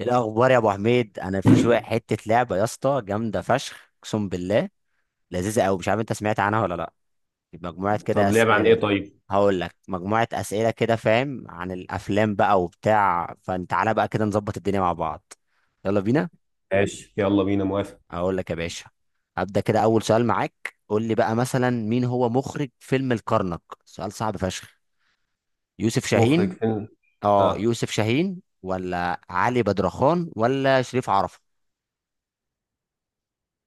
إيه الاخبار يا ابو حميد؟ انا في شويه حته لعبه يا اسطى، جامده فشخ اقسم بالله، لذيذه قوي. مش عارف انت سمعت عنها ولا لا. مجموعه كده طب لعب عن ايه اسئله. طيب؟ هقول لك مجموعه اسئله كده، فاهم؟ عن الافلام بقى وبتاع، فانت تعالى بقى كده نظبط الدنيا مع بعض. يلا بينا. ماشي، يلا بينا، موافق. اقول لك يا باشا، هبدا كده اول سؤال معاك. قول لي بقى مثلا، مين هو مخرج فيلم الكرنك؟ سؤال صعب فشخ. يوسف مخرج شاهين فيلم. اه اه، يوسف شاهين، ولا علي بدرخان، ولا شريف عرفة؟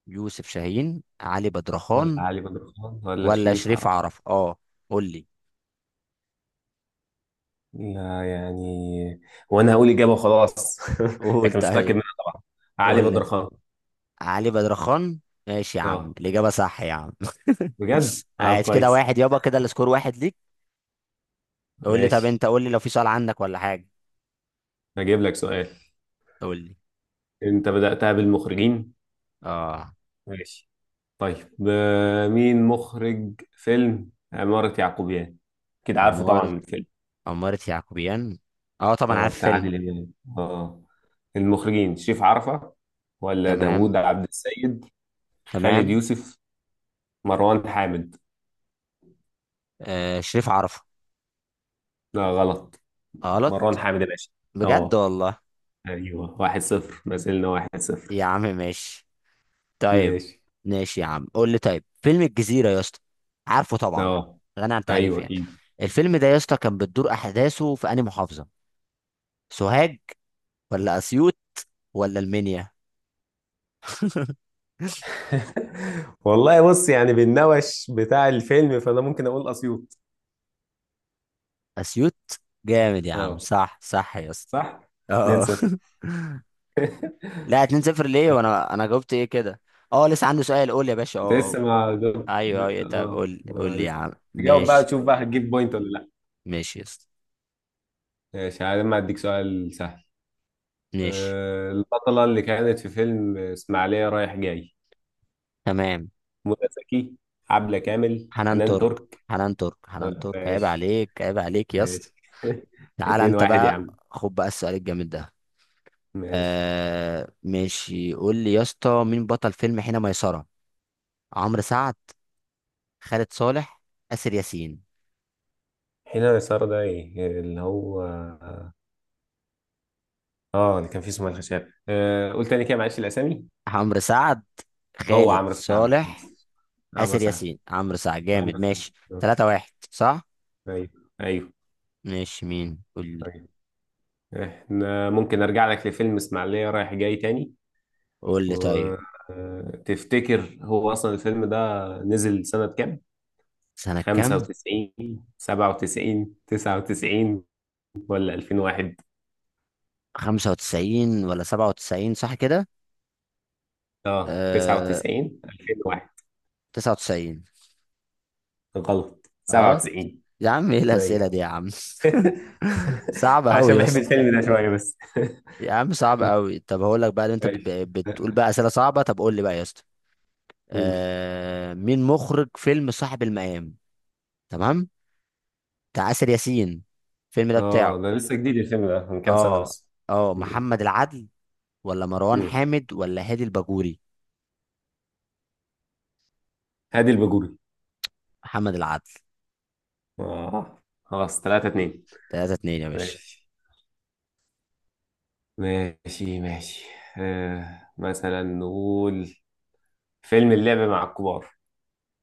يوسف شاهين، علي ولا بدرخان، علي بدر خان ولا ولا شريف شريف عرب. عرف، قول لي. لا، يعني. وانا هقول اجابه وخلاص، قول لكن مش متاكد طيب. منها طبعا. علي قول لي بدر طيب. خان. علي بدرخان. ماشي يا عم، اه، الإجابة صح يا عم. بجد؟ اه، عايز كده كويس. واحد يابا، كده السكور واحد ليك. قول لي طب، ماشي. انت قول لي لو في سؤال عندك ولا حاجة. هجيب لك سؤال. قول لي. انت بدأتها بالمخرجين. اه ماشي. طيب، مين مخرج فيلم عمارة يعقوبيان؟ كده عارفه عمارة، طبعا. عمارة يعقوبيان. اه طبعا اه، عارف بتاع فيلم. عادل امام. اه. المخرجين شريف عرفة، ولا تمام، داوود عبد السيد، خالد تمام. يوسف، مروان حامد. آه، شريف عرفة. لا، غلط. مروان غلط. حامد يا باشا. بجد اه. والله. ايوه، واحد صفر، ما زلنا واحد صفر. يا عم ماشي. طيب. ماشي. ماشي يا عم، قول لي طيب فيلم الجزيرة يا اسطى. عارفه طبعا، اه. غني عن ايوه، تعريف يعني. اكيد. الفيلم ده يا اسطى كان بتدور احداثه في انهي محافظة؟ سوهاج، ولا اسيوط، ولا المنيا؟ والله بص، يعني بالنوش بتاع الفيلم، فانا ممكن اقول اسيوط. اسيوط، جامد يا عم. اه، صح صح يا اسطى. صح. 2 اه. 0. لا، 2 0 ليه؟ وانا جاوبت ايه كده؟ اه لسه عندي سؤال. قول يا باشا. انت اه لسه ما جاوب- اه ايوه ايوه، طب اه، قول، قول ما لي يا لسه. عم. تجاوب بقى ماشي. تشوف بقى هتجيب بوينت ولا. ماشي يا اسطى. ماشي، عادي، ما اديك سؤال سهل. ماشي. البطلة اللي كانت في فيلم إسماعيلية رايح جاي، تمام. منى زكي، عبلة كامل، حنان حنان ترك، ترك؟ حنان ترك، حنان ترك. عيب ماشي. عليك، عيب عليك يا اسطى. ماشي. تعالى اتنين انت واحد يا بقى. عم. خد بقى السؤال الجامد ده. ماشي. آه ماشي، قول لي يا اسطى، مين بطل فيلم حين ميسرة؟ عمرو سعد، خالد صالح، آسر ياسين؟ هنا يسار ده ايه اللي هو؟ اه، اللي كان فيه اسمه الخشاب. قول تاني كده، معلش الاسامي. عمرو سعد، هو خالد عمرو سعد صالح، خلاص. عمرو آسر سعد. ياسين. عمرو سعد، عمرو جامد. سعد. ماشي. آه. 3 واحد، صح. ايوه، ايوه، ماشي، مين؟ قول لي. ايوه. احنا ممكن ارجع لك لفيلم اسماعيلية رايح جاي تاني. قول لي طيب. وتفتكر هو أصلا الفيلم ده نزل سنة كام؟ سنة كام؟ 95 97 99 ولا 2001. 95 ولا 97، صح كده؟ اه، آه، 99 2001. 99. غلط، غلط. 97. يا عم ايه الأسئلة ايوه. دي يا عم. صعبة أوي عشان يا بحب اسطى. الفيلم ده شوية بس. يا عم صعب قوي. طب هقول لك بقى، اللي انت ماشي. بتقول بقى اسئله صعبه، طب قول لي بقى يا اسطى. قول. آه، مين مخرج فيلم صاحب المقام؟ تمام. بتاع آسر ياسين، الفيلم ده بتاعه. اه، ده لسه جديد، الفيلم ده من كام سنة اه. بس. اه مم. محمد العدل، ولا مروان مم. حامد، ولا هادي الباجوري؟ هادي الباجوري. محمد العدل. اه، خلاص. 3 2. ثلاثة اتنين يا باشا. ماشي، ماشي، ماشي. مثلا نقول فيلم اللعب مع الكبار.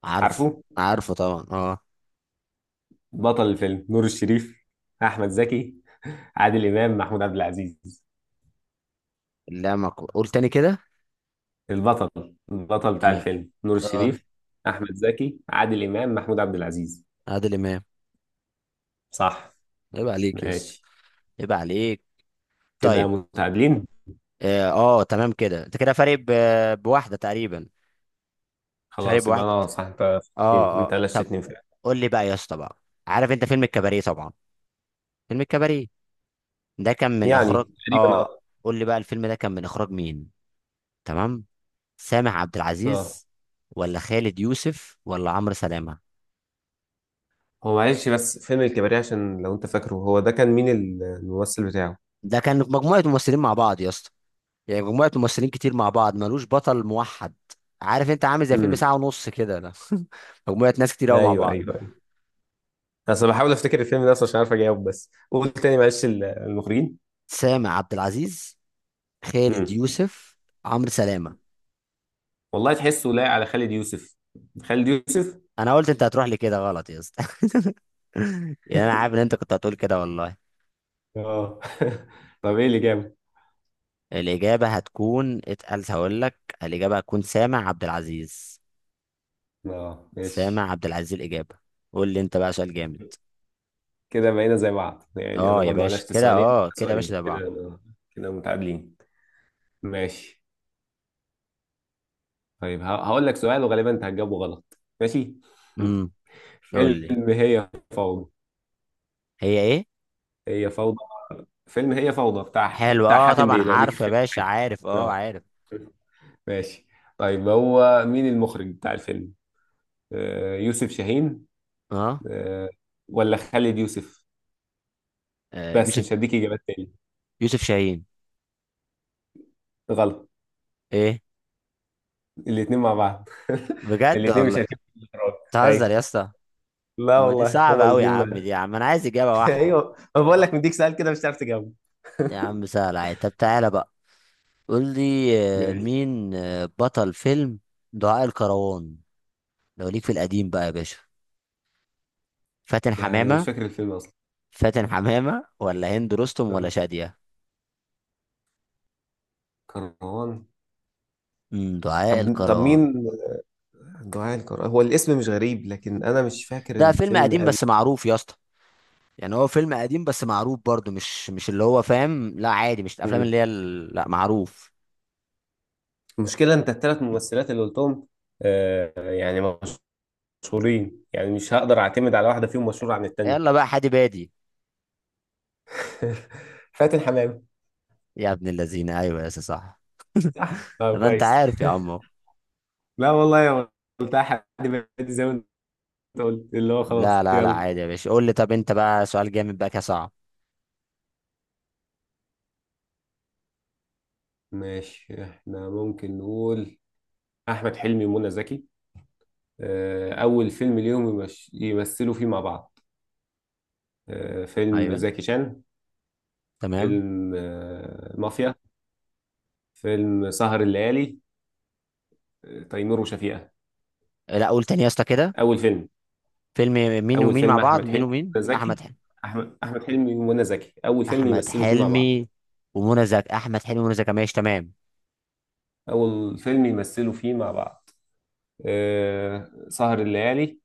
عارف. عارفه. عارفه طبعا اه. بطل الفيلم نور الشريف، احمد زكي، عادل امام، محمود عبد العزيز؟ لا ما ك- قول تاني كده. البطل بتاع تمام. الفيلم نور اه. الشريف، احمد زكي، عادل امام، محمود عبد العزيز. عادل امام. صح. عيب عليك يا اسطى، ماشي. عيب عليك. كده طيب. متعادلين. اه، آه، تمام كده. انت كده فارق بواحدة تقريبا. شارب خلاص، يبقى واحد. انا صح. انت اه. غششتني. انت اه طب، غششتني فعلا. قول لي بقى يا اسطى بقى. عارف انت فيلم الكباريه طبعا. فيلم الكباريه ده كان من يعني اخراج. تقريبا، اه. اه. قول لي بقى، الفيلم ده كان من اخراج مين؟ تمام. سامح عبد اه. العزيز، ولا خالد يوسف، ولا عمرو سلامه؟ هو معلش، بس فيلم الكباريه عشان لو انت فاكره، هو ده كان مين الممثل بتاعه؟ ده كان مجموعه ممثلين مع بعض يا اسطى. يعني مجموعه ممثلين كتير مع بعض، ملوش بطل موحد. عارف، انت عامل زي فيلم امم. ساعه ونص كده ده. مجموعه ناس كتير قوي مع ايوه، ايوه، بعض. ايوه. اصل بحاول افتكر الفيلم ده اصلا عشان عارف اجاوب، بس قول تاني معلش المخرجين. سامح عبد العزيز، خالد امم. يوسف، عمرو سلامه. والله تحسه لايق على خالد يوسف. خالد يوسف. انا قلت انت هتروح لي كده، غلط يا اسطى. يعني انا عارف ان انت كنت هتقول كده والله. اه. طب، ايه اللي جاب؟ الاجابه هتكون اتقل، هقول لك. الاجابه هتكون سامع عبد العزيز. اه، ماشي. سامع عبد العزيز الاجابه. قول لي انت بقى سؤال جامد. كده بقينا زي بعض، يعني انا اه يا برضو باشا، علشت كده سؤالين اه، كده يا باشا سؤالين ده كده، بعض. كده متعادلين. ماشي. طيب، هقول لك سؤال وغالبا انت هتجاوبه غلط، ماشي. امم قول لي. فيلم هي فوضى. هي ايه؟ هي فوضى. فيلم هي فوضى بتاع حلو بتاع اه، حاتم طبعا بيه، لو ليك عارف يا خير في باشا، حياتي. عارف اه، اه. عارف. ماشي. طيب، هو مين المخرج بتاع الفيلم؟ يوسف شاهين. اه. آه. ولا خالد يوسف؟ آه، بس يوسف. مش هديك اجابات تاني. يوسف شاهين. غلط. ايه؟ الاتنين مع بعض. بجد الاتنين مش والله؟ هتجيب في الإخراج. بتهزر يا ايوه. اسطى. لا ما دي والله، هما صعبه قوي يا الاتنين مع. عم، دي يا عم انا عايز اجابه واحده. ايوه، ما بقول لك مديك سؤال كده مش هتعرف تجاوب. يا عم سهل عادي، طب تعالى بقى. قول لي. آه، ماشي. مين آه، بطل فيلم دعاء الكروان؟ لو ليك في القديم بقى يا باشا. فاتن يعني أنا مش حمامة. فاكر الفيلم اصلا. فاتن حمامة، ولا هند رستم، ولا اه، شادية؟ كروان. دعاء طب الكروان. مين. دعاء الكروان، هو الاسم مش غريب، لكن انا مش فاكر ده فيلم الفيلم قديم قوي. بس معروف يا اسطى. يعني هو فيلم قديم بس معروف برضه، مش مش اللي هو فاهم، لا عادي، مش الافلام اللي مم. هي لا معروف. المشكله، انت الثلاث ممثلات اللي قلتهم، يعني مشهورين، يعني مش هقدر اعتمد على واحده فيهم مشهوره عن يلا التانيه. بقى حادي بادي. فاتن حمامه. يا ابن اللذين، ايوه يا اسطى، صح. صح، اه، طب انت كويس. عارف يا عمو. لا والله يا، قلتها حد بيدي زي ما انت قلت اللي هو لا خلاص، لا لا، يلا. عادي يا باشا. قول لي طب انت بقى سؤال جامد بقى كده، صعب. ماشي، احنا ممكن نقول احمد حلمي ومنى زكي، اول فيلم ليهم يمثلوا فيه مع بعض. فيلم ايوه. زكي شان، تمام. فيلم مافيا، فيلم سهر الليالي، تيمور وشفيقة؟ لا قول تاني يا اسطى كده. اول فيلم. فيلم مين اول ومين مع فيلم بعض؟ احمد مين حلمي ومين؟ ومنى احمد زكي. حلمي. احمد حلمي ومنى زكي، اول فيلم احمد يمثلوا فيه مع بعض. حلمي ومنى زكي. احمد حلمي ومنى زكي، ماشي تمام. اول فيلم يمثلوا فيه مع بعض. سهر الليالي،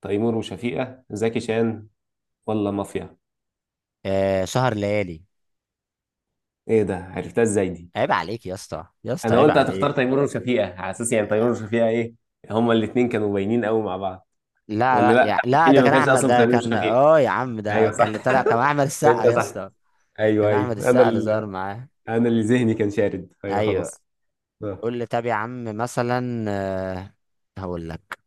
تيمور وشفيقة، زكي شان، ولا مافيا. آه، سهر ليالي. ايه ده، عرفتها ازاي دي؟ عيب عليك يا اسطى، يا اسطى انا عيب قلت عليك. هتختار تيمور وشفيقة على اساس، يعني تيمور وشفيقة ايه، هما الاتنين كانوا باينين قوي مع بعض. لا ولا لا لا، يا احمد لا، حلمي ده ما كان كانش احمد، اصلا في ده تيمور كان وشفيقة. يا عم، ده ايوه، كان صح. اللي طلع كان احمد السقا انت يا صح. اسطى. ايوه، كان احمد ايوه، انا السقا اللي ظهر معاه. انا اللي ذهني كان شارد، ايوه، ايوه. خلاص. اه. قول لي طب يا عم، مثلا آه، هقول لك،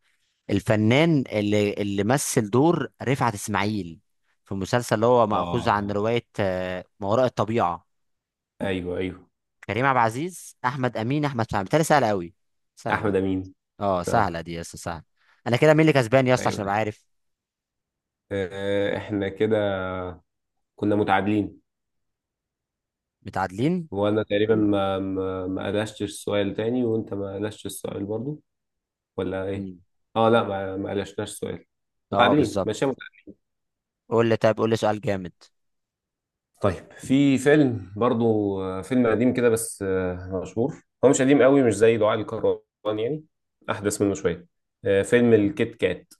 الفنان اللي مثل دور رفعت اسماعيل في مسلسل اللي هو مأخوذ آه. عن رواية، آه، ما وراء الطبيعة. ايوه، ايوه، كريم عبد العزيز، احمد امين، احمد فهمي؟ بتهيألي سهله قوي، احمد سهله. امين. اه اه. سهله دي يا اسطى، سهله. انا كده مين اللي كسبان يا اسطى ايوه، عشان ده ابقى حقيقي. عارف؟ احنا كده كنا متعادلين. متعادلين. وانا تقريبا ما قلشتش السؤال تاني، وانت ما قلشتش السؤال برضو، ولا ايه؟ مم. اه، لا، ما قلشناش السؤال. اه متعادلين، بالظبط. ماشي، متعادلين. قول لي طيب، قول لي سؤال جامد. طيب في فيلم برضو، فيلم قديم كده، بس مشهور، هو مش قديم قوي، مش زي دعاء الكروان يعني، احدث منه شويه. فيلم الكيت كات.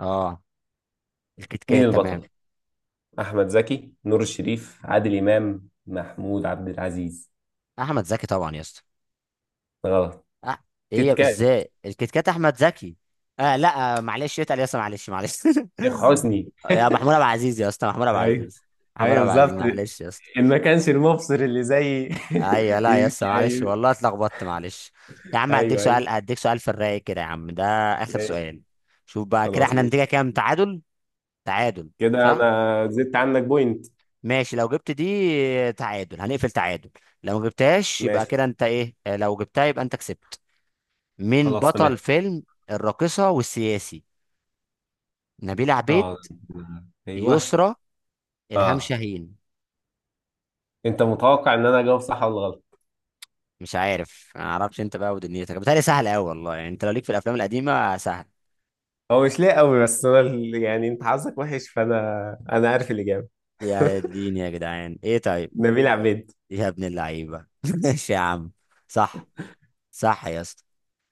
اه. الكيت مين كات، تمام. البطل؟ احمد زكي، نور الشريف، عادل امام، محمود عبد العزيز؟ احمد زكي طبعا يا اسطى. غلط. أه. ايه كيت كات. ازاي الكيت كات احمد زكي؟ آه لا، آه معلش، اتقل يا اسطى، معلش معلش. شيخ حسني. يا محمود عبد العزيز يا اسطى، محمود عبد ايوه. العزيز. محمود ايوه، عبد العزيز، بالظبط. معلش يا اسطى. إن ما كانش المبصر اللي زي. ايوه. لا يا اسطى، معلش ايوه، والله اتلخبطت، معلش. يا عم هديك ايوه، ايوه. سؤال، هديك سؤال في الرايق كده يا عم ده. اخر ماشي. سؤال. شوف بقى كده خلاص، احنا ماشي. نتيجه كام. تعادل. تعادل. كده صح. انا زدت عنك بوينت. ماشي، لو جبت دي تعادل، هنقفل تعادل. لو ما جبتهاش يبقى ماشي، كده انت ايه، لو جبتها يبقى انت كسبت. مين خلاص، بطل تمام. فيلم الراقصه والسياسي؟ نبيلة عبيد، اه. ايوه. يسرا، الهام اه، شاهين؟ انت متوقع ان انا اجاوب صح ولا غلط؟ مش عارف، ما اعرفش انت بقى ودنيتك. بتهيألي سهل قوي والله، يعني انت لو ليك في الافلام القديمه سهل. هو مش ليه قوي، بس انا يعني انت حظك وحش، فانا انا عارف الاجابه. يا دين، يا جدعان ايه طيب. نبيل عبيد. يا ابن اللعيبة. ماشي يا عم. صح، صح يا اسطى.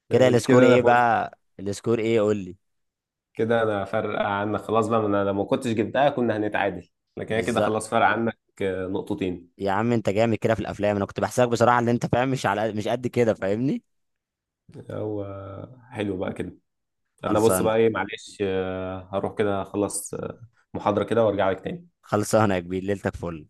كده ماشي، كده السكور انا، ايه بقى، السكور ايه، قول لي. كده انا فارقه عنك خلاص بقى، ما انا لو ما كنتش جبتها كنا هنتعادل، لكن هي كده بالظبط. خلاص فارقه عنك نقطتين. يا عم انت جامد كده في الافلام، انا كنت بحسك بصراحة ان انت فاهم، مش على مش قد كده، فاهمني. هو حلو بقى كده. انا بص خلصانة. بقى ايه، معلش، هروح كده اخلص محاضرة كده وارجع لك تاني. خلصانة يا كبير، ليلتك فل.